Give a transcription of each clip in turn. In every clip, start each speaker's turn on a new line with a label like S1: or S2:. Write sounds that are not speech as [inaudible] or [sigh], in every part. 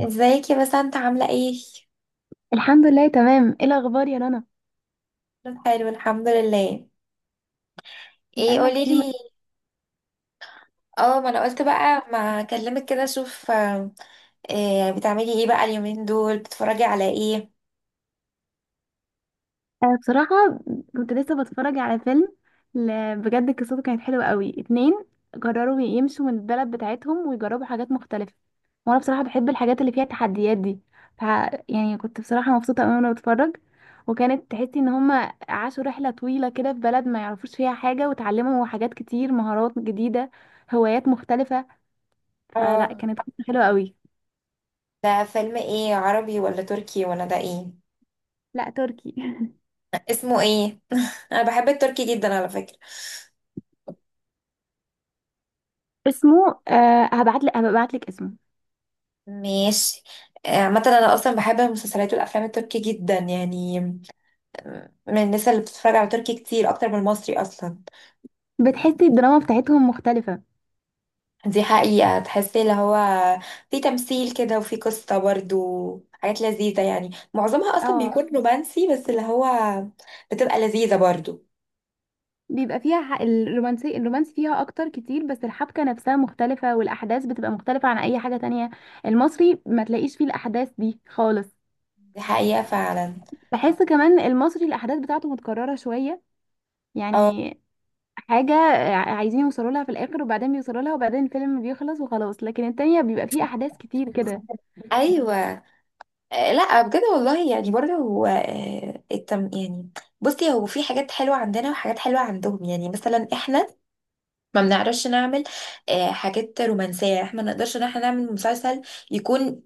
S1: ازيك يا بسنت عاملة ايه؟
S2: الحمد لله، تمام. ايه الاخبار يا رنا؟
S1: حلو الحمد لله. ايه
S2: بقالنا كتير ما-
S1: قوليلي. اه، ما انا قلت بقى ما اكلمك كده اشوف. إيه بتعملي ايه بقى اليومين دول بتتفرجي على ايه؟
S2: أنا بصراحه كنت لسه بتفرج على فيلم. بجد قصته كانت حلوه قوي. اتنين قرروا يمشوا من البلد بتاعتهم ويجربوا حاجات مختلفه، وانا بصراحه بحب الحاجات اللي فيها تحديات دي. ف يعني كنت بصراحه مبسوطه قوي وانا بتفرج، وكانت تحسي ان هما عاشوا رحله طويله كده في بلد ما يعرفوش فيها حاجه، وتعلموا حاجات كتير، مهارات جديده، هوايات مختلفه. فلا،
S1: اه،
S2: كانت قصة حلوه قوي.
S1: ده فيلم ايه، عربي ولا تركي ولا ده ايه؟
S2: لا، تركي. [laughs]
S1: اسمه ايه؟ [laughs] انا بحب التركي جدا على فكرة.
S2: اسمه هبعت لك، اسمه.
S1: ماشي. عامة انا اصلا بحب المسلسلات والافلام التركي جدا يعني. من الناس اللي بتتفرج على تركي كتير اكتر من المصري اصلا.
S2: بتحسي الدراما بتاعتهم مختلفة.
S1: دي حقيقة، تحسي اللي هو في تمثيل كده وفي قصة برضو. حاجات لذيذة، يعني معظمها أصلا
S2: اه،
S1: بيكون رومانسي بس اللي هو بتبقى لذيذة برضو.
S2: بيبقى فيها الرومانس فيها اكتر كتير، بس الحبكة نفسها مختلفة، والاحداث بتبقى مختلفة عن اي حاجة تانية. المصري ما تلاقيش فيه الاحداث دي خالص.
S1: دي حقيقة فعلا.
S2: بحس كمان المصري الاحداث بتاعته متكررة شوية.
S1: أو.
S2: يعني حاجة عايزين يوصلوا لها في الاخر، وبعدين بيوصلوا لها، وبعدين الفيلم بيخلص وخلاص، لكن التانية بيبقى فيه احداث كتير كده.
S1: أيوة. لا بجد والله، يعني برضو هو التم يعني. بصي، هو في حاجات حلوة عندنا وحاجات حلوة عندهم. يعني مثلا احنا ما بنعرفش نعمل حاجات رومانسية. احنا ما نقدرش ان احنا نعمل مسلسل يكون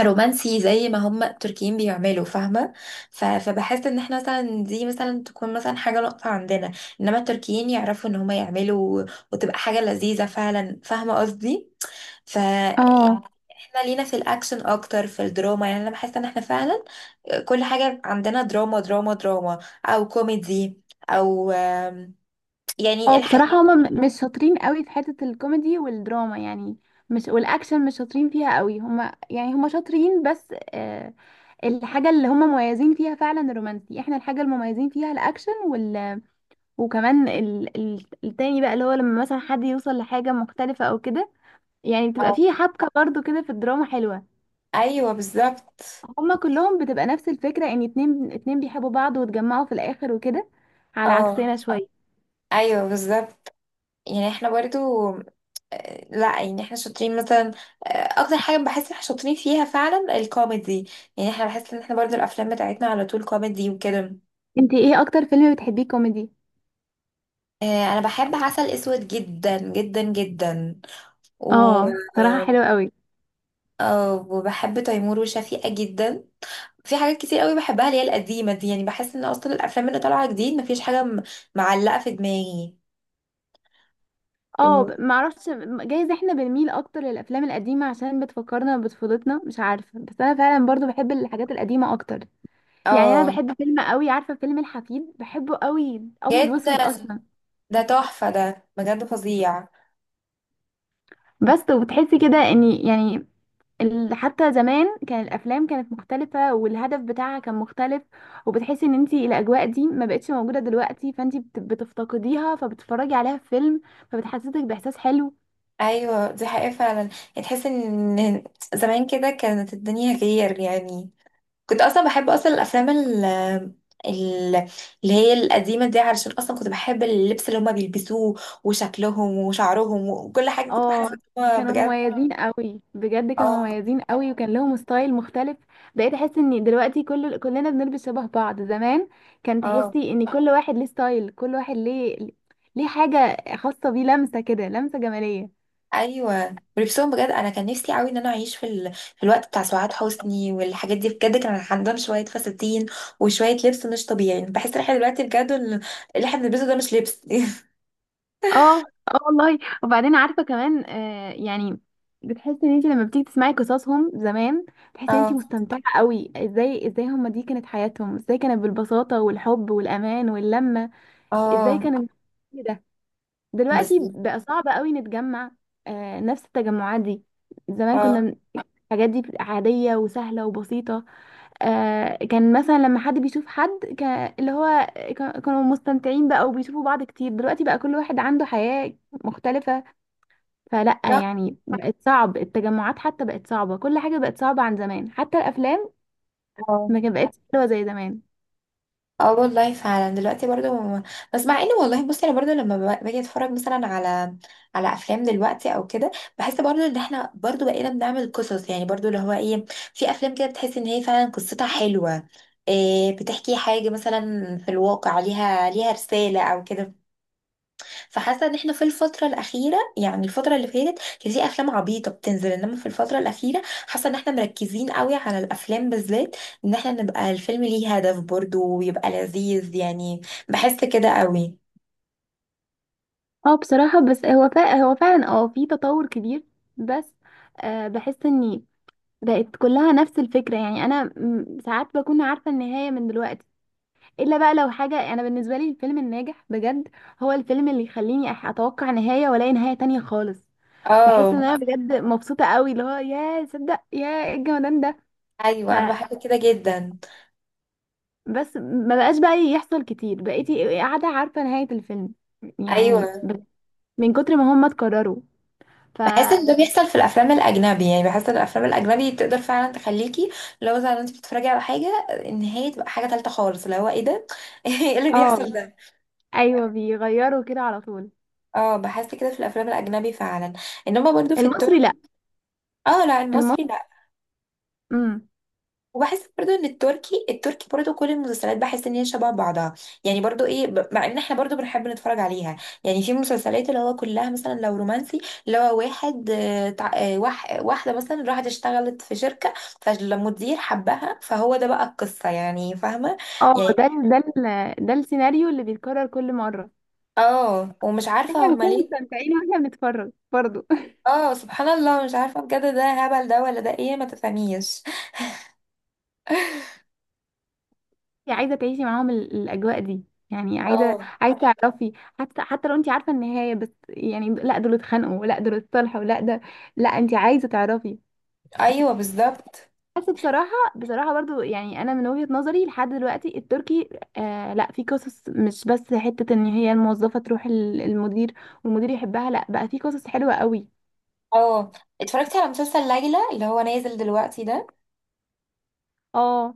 S1: رومانسي زي ما هم التركيين بيعملوا، فاهمة؟ ف- فبحس ان احنا مثلا دي مثلا تكون مثلا حاجة نقطة عندنا، انما التركيين يعرفوا ان هم يعملوا وتبقى حاجة لذيذة فعلا، فاهمة قصدي؟ ف
S2: اه،
S1: احنا لينا في الاكشن اكتر، في الدراما. يعني انا بحس ان احنا فعلا كل حاجة عندنا دراما دراما دراما، او كوميدي، او يعني
S2: او
S1: الحاجة.
S2: بصراحة هما مش شاطرين قوي في حتة الكوميدي والدراما، يعني مش. والاكشن مش شاطرين فيها قوي، هما يعني هما شاطرين بس. آه الحاجة اللي هما مميزين فيها فعلا الرومانسي، احنا الحاجة المميزين فيها الاكشن، وكمان التاني بقى اللي هو لما مثلا حد يوصل لحاجة مختلفة او كده. يعني بتبقى
S1: أو.
S2: فيه حبكة برضو كده في الدراما حلوة.
S1: ايوه بالظبط.
S2: هما كلهم بتبقى نفس الفكرة، ان اتنين اتنين بيحبوا بعض واتجمعوا في الاخر وكده، على
S1: اه.
S2: عكسنا شوية.
S1: ايوه بالظبط. يعني احنا برضو لا، يعني احنا شاطرين مثلا. آه، اكتر حاجه بحس ان احنا شاطرين فيها فعلا الكوميدي. يعني احنا بحس ان احنا برضو الافلام بتاعتنا على طول كوميدي وكده.
S2: انت ايه اكتر فيلم بتحبيه كوميدي؟
S1: انا بحب عسل اسود جدا جدا جدا. و
S2: اه، صراحة حلوة قوي.
S1: وبحب تيمور وشفيقة جدا. في حاجات كتير قوي بحبها اللي هي القديمه دي. يعني بحس ان اصلا الافلام اللي طالعه جديد مفيش حاجه معلقه في دماغي.
S2: اه،
S1: و-
S2: معرفش. جايز احنا بنميل اكتر للافلام القديمة عشان بتفكرنا بطفولتنا، مش عارفة، بس انا فعلا برضو بحب الحاجات القديمة اكتر. يعني انا
S1: اه.
S2: بحب فيلم قوي، عارفة فيلم الحفيد؟ بحبه قوي، ابيض واسود
S1: جدا.
S2: اصلا.
S1: ده تحفه ده بجد، فظيع.
S2: بس وبتحسي كده ان يعني حتى زمان كان الافلام كانت مختلفة، والهدف بتاعها كان مختلف. وبتحسي ان انتي الاجواء دي ما بقتش موجودة دلوقتي، فانتي بتفتقديها، فبتتفرجي عليها في فيلم، فبتحسسك باحساس حلو.
S1: ايوه دي حقيقة فعلا، يعني تحس ان زمان كده كانت الدنيا غير يعني. كنت اصلا بحب اصلا الافلام ال- اللي هي القديمة دي، علشان اصلا كنت بحب اللبس اللي هما بيلبسوه وشكلهم وشعرهم وكل حاجة. كنت بحس
S2: اه،
S1: ان هو
S2: كانوا
S1: بجد.
S2: مميزين قوي، بجد كانوا
S1: اه.
S2: مميزين قوي، وكان لهم ستايل مختلف. بقيت احس ان دلوقتي كلنا بنلبس شبه بعض. زمان كان
S1: اه.
S2: تحسي ان كل واحد ليه ستايل، كل واحد ليه، ليه حاجة خاصة بيه، لمسة كده، لمسة جمالية.
S1: ايوه، ولبسهم بجد انا كان نفسي قوي ان انا اعيش في في الوقت بتاع سعاد حسني والحاجات دي. بجد كان عندهم شوية فساتين وشوية لبس مش طبيعي. بحس ان احنا دلوقتي بجد اللي احنا بنلبسه ده مش لبس. [laughs]
S2: اه، اه والله. وبعدين عارفة كمان، يعني بتحسي ان انت لما بتيجي تسمعي قصصهم زمان بتحسي ان انت
S1: اه.
S2: مستمتعة قوي. ازاي ازاي هما دي كانت حياتهم؟ ازاي كانت بالبساطة والحب والامان واللمة؟ ازاي
S1: اه.
S2: كانت كده. دلوقتي
S1: بس.
S2: بقى صعب قوي نتجمع. نفس التجمعات دي، زمان كنا
S1: اه.
S2: الحاجات دي عادية وسهلة وبسيطة. كان مثلا لما حد بيشوف حد اللي هو كانوا مستمتعين بقى، وبيشوفوا بعض كتير. دلوقتي بقى كل واحد عنده حياة مختلفة. فلأ
S1: لا.
S2: يعني بقت صعب التجمعات، حتى بقت صعبة. كل حاجة بقت صعبة عن زمان، حتى الأفلام
S1: اه.
S2: ما كان- بقتش حلوة زي زمان.
S1: اه والله فعلا دلوقتي برضو بس، مع ان والله بصي انا برضو لما باجي اتفرج مثلا على على افلام دلوقتي او كده، بحس برضو ان احنا برضو بقينا بنعمل قصص. يعني برضو اللي هو ايه، في افلام كده بتحس ان هي فعلا قصتها حلوة، إيه، بتحكي حاجة مثلا في الواقع ليها ليها رسالة او كده. فحاسه ان احنا في الفتره الاخيره، يعني الفتره اللي فاتت كان في افلام عبيطه بتنزل، انما في الفتره الاخيره حاسه ان احنا مركزين قوي على الافلام بالذات، ان احنا نبقى الفيلم ليه هدف برضه ويبقى لذيذ يعني. بحس كده قوي.
S2: اه بصراحة، بس هو هو فعلا في تطور كبير، بس بحس اني بقت كلها نفس الفكرة. يعني أنا ساعات بكون عارفة النهاية من دلوقتي، إلا بقى لو حاجة. أنا بالنسبة لي الفيلم الناجح بجد هو الفيلم اللي يخليني أتوقع نهاية وألاقي نهاية تانية خالص. بحس إن
S1: اه.
S2: أنا بجد مبسوطة قوي، اللي هو يا صدق يا إيه الجمدان ده.
S1: ايوه انا
S2: فبس
S1: بحب كده جدا.
S2: ما بقاش بقى يحصل كتير، بقيتي قاعدة عارفة نهاية الفيلم. يعني
S1: ايوه.
S2: من كتر ما هم اتكرروا. ف
S1: بحس ان ده بيحصل في الافلام الاجنبي. يعني بحس ان الافلام الاجنبي تقدر فعلا تخليكي لو زي ما انت بتتفرجي على حاجه، النهايه تبقى حاجه تالته خالص، اللي هو ايه ده؟ [laughs] ايه اللي
S2: اه
S1: بيحصل ده؟
S2: أيوه، بيغيروا كده على طول.
S1: اه بحس كده في الافلام الاجنبي فعلا، انما برضو في التركي.
S2: المصري لأ،
S1: اه لا، المصري لا.
S2: المصري.
S1: وبحس برضو ان التركي، التركي برضو كل المسلسلات بحس ان هي شبه بعضها. يعني برضو ايه، مع ان احنا برضو بنحب نتفرج عليها. يعني في مسلسلات اللي هو كلها مثلا، لو رومانسي اللي هو واحد واحده مثلا راحت اشتغلت في شركه، فالمدير حبها، فهو ده بقى القصه، يعني فاهمه؟
S2: اه
S1: يعني
S2: ده السيناريو اللي بيتكرر كل مرة.
S1: اه، ومش
S2: احنا
S1: عارفه هما
S2: بنكون
S1: ليه.
S2: مستمتعين واحنا بنتفرج برضه.
S1: اه سبحان الله، مش عارفه بجد ده هبل ده ولا ده ايه، ما تفهميش.
S2: [laughs] انت عايزة تعيشي معاهم الأجواء دي. يعني عايزة،
S1: اه.
S2: تعرفي. حتى لو انت عارفة النهاية، بس يعني لا، دول اتخانقوا، ولا دول اتصالحوا، ولا ده. لا، انت عايزة تعرفي.
S1: ايوه بالظبط.
S2: بس بصراحة، برضو يعني أنا من وجهة نظري لحد دلوقتي التركي لا، في قصص مش بس حتة إن هي الموظفة تروح المدير والمدير يحبها، لا بقى في قصص حلوة قوي.
S1: اه، اتفرجتي على مسلسل ليلى اللي هو نازل دلوقتي ده؟
S2: اه،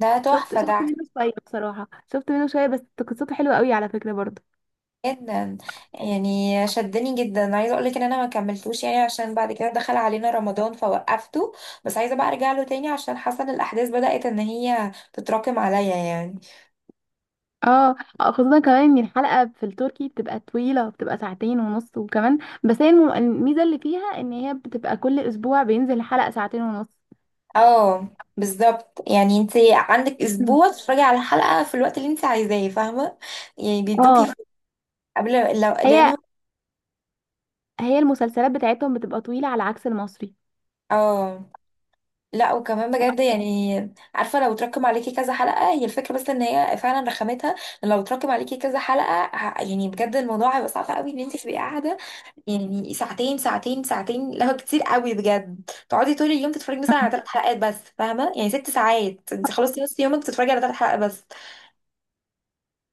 S1: ده تحفه
S2: شفت
S1: ده.
S2: منه شويه، بصراحه شفت منه شويه بس. قصته حلوه قوي على فكره برضه.
S1: جدا. يعني شدني جدا، عايزه اقول لك ان انا ما كملتوش يعني، عشان بعد كده دخل علينا رمضان فوقفته، بس عايزه بقى ارجع له تاني عشان حاسه ان الاحداث بدات ان هي تتراكم عليا يعني.
S2: اه، خصوصا كمان ان الحلقه في التركي بتبقى طويله، بتبقى ساعتين ونص وكمان. بس هي الميزه اللي فيها ان هي بتبقى كل اسبوع بينزل حلقه ساعتين ونص.
S1: اه. بالظبط، يعني انت عندك
S2: مم.
S1: اسبوع تتفرجي على الحلقه في الوقت اللي انت عايزاه، فاهمه؟ يعني
S2: اه،
S1: بيدوكي قبل، لو
S2: هي
S1: لانه
S2: هي المسلسلات بتاعتهم بتبقى طويله على عكس المصري.
S1: اه. لا وكمان بجد يعني، عارفه لو تركم عليكي كذا حلقه، هي الفكره بس ان هي فعلا رخامتها إن لو تركم عليكي كذا حلقه يعني بجد الموضوع هيبقى صعب قوي ان انت تبقي قاعده. يعني ساعتين ساعتين ساعتين، لا هو كتير قوي بجد. تقعدي طول اليوم تتفرجي مثلا
S2: مم.
S1: على ثلاث حلقات بس، فاهمه؟ يعني ست ساعات انت خلصتي نص يومك بتتفرجي على ثلاث حلقات بس.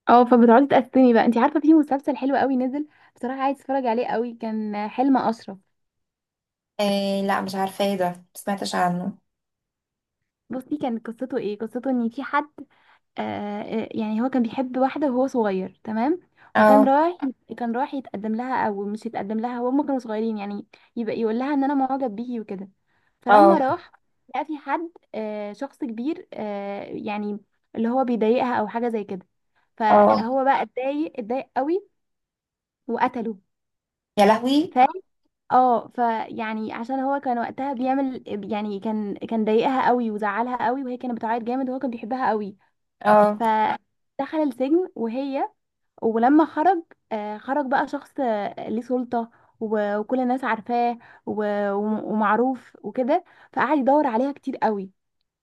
S2: اه، فبتقعدي تقسمي بقى. انت عارفه في مسلسل حلو قوي نزل؟ بصراحه عايز اتفرج عليه قوي، كان حلم اشرف.
S1: إيه، لا مش عارفه ايه ده، ما سمعتش عنه.
S2: بصي، كان قصته ايه؟ قصته ان في حد، آه، يعني هو كان بيحب واحدة وهو صغير تمام. وكان
S1: اه.
S2: رايح كان رايح يتقدم لها او مش يتقدم لها، وهم كانوا صغيرين، يعني يبقى يقول لها ان انا معجب بيكي وكده. فلما
S1: اه.
S2: راح لقى في حد، شخص كبير، يعني اللي هو بيضايقها او حاجة زي كده،
S1: اه.
S2: فهو بقى اتضايق قوي وقتله.
S1: يا لهوي.
S2: ف اه، فيعني عشان هو كان وقتها بيعمل، يعني كان ضايقها قوي وزعلها قوي، وهي كانت بتعيط جامد، وهو كان بيحبها قوي.
S1: اه.
S2: ف دخل السجن وهي، ولما خرج، خرج بقى شخص ليه سلطة، وكل الناس عارفاه، ومعروف وكده. فقعد يدور عليها كتير قوي،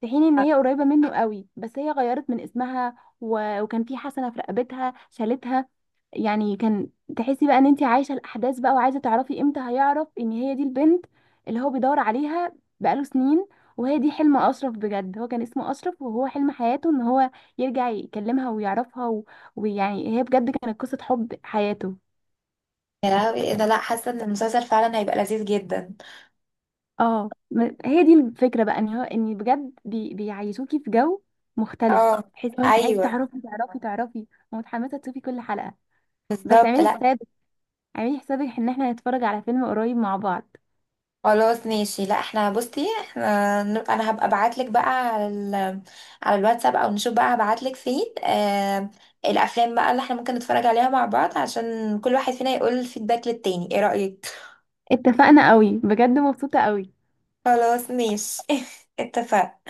S2: في حين ان هي قريبه منه قوي، بس هي غيرت من اسمها وكان في حسنه في رقبتها شالتها. يعني كان تحسي بقى ان انت عايشه الاحداث بقى، وعايزه تعرفي امتى هيعرف ان هي دي البنت اللي هو بيدور عليها بقاله سنين. وهي دي حلم اشرف، بجد. هو كان اسمه اشرف، وهو حلم حياته ان هو يرجع يكلمها ويعرفها ويعني هي بجد كانت قصه حب حياته.
S1: يا لهوي ايه ده، لا حاسه ان المسلسل فعلا هيبقى لذيذ جدا.
S2: اه، هي دي الفكرة، بقى ان هو بجد بيعيشوكي في جو مختلف،
S1: اه.
S2: تحس حلو. عايز
S1: ايوه
S2: تعرفي، تعرفي، تعرفي، ومتحمسة تشوفي كل حلقة. بس
S1: بالظبط.
S2: اعملي
S1: لا.
S2: حسابك، اعملي حسابك ان احنا هنتفرج على فيلم قريب مع بعض.
S1: خلاص ماشي. لا احنا بصي احنا انا هبقى ابعت لك بقى على على الواتساب، او نشوف بقى هبعت لك فين. الافلام بقى اللي احنا ممكن نتفرج عليها مع بعض، عشان كل واحد فينا يقول الفيدباك للتاني، ايه رأيك؟
S2: اتفقنا قوي، بجد مبسوطة قوي.
S1: خلاص ماشي. [laughs] اتفقنا.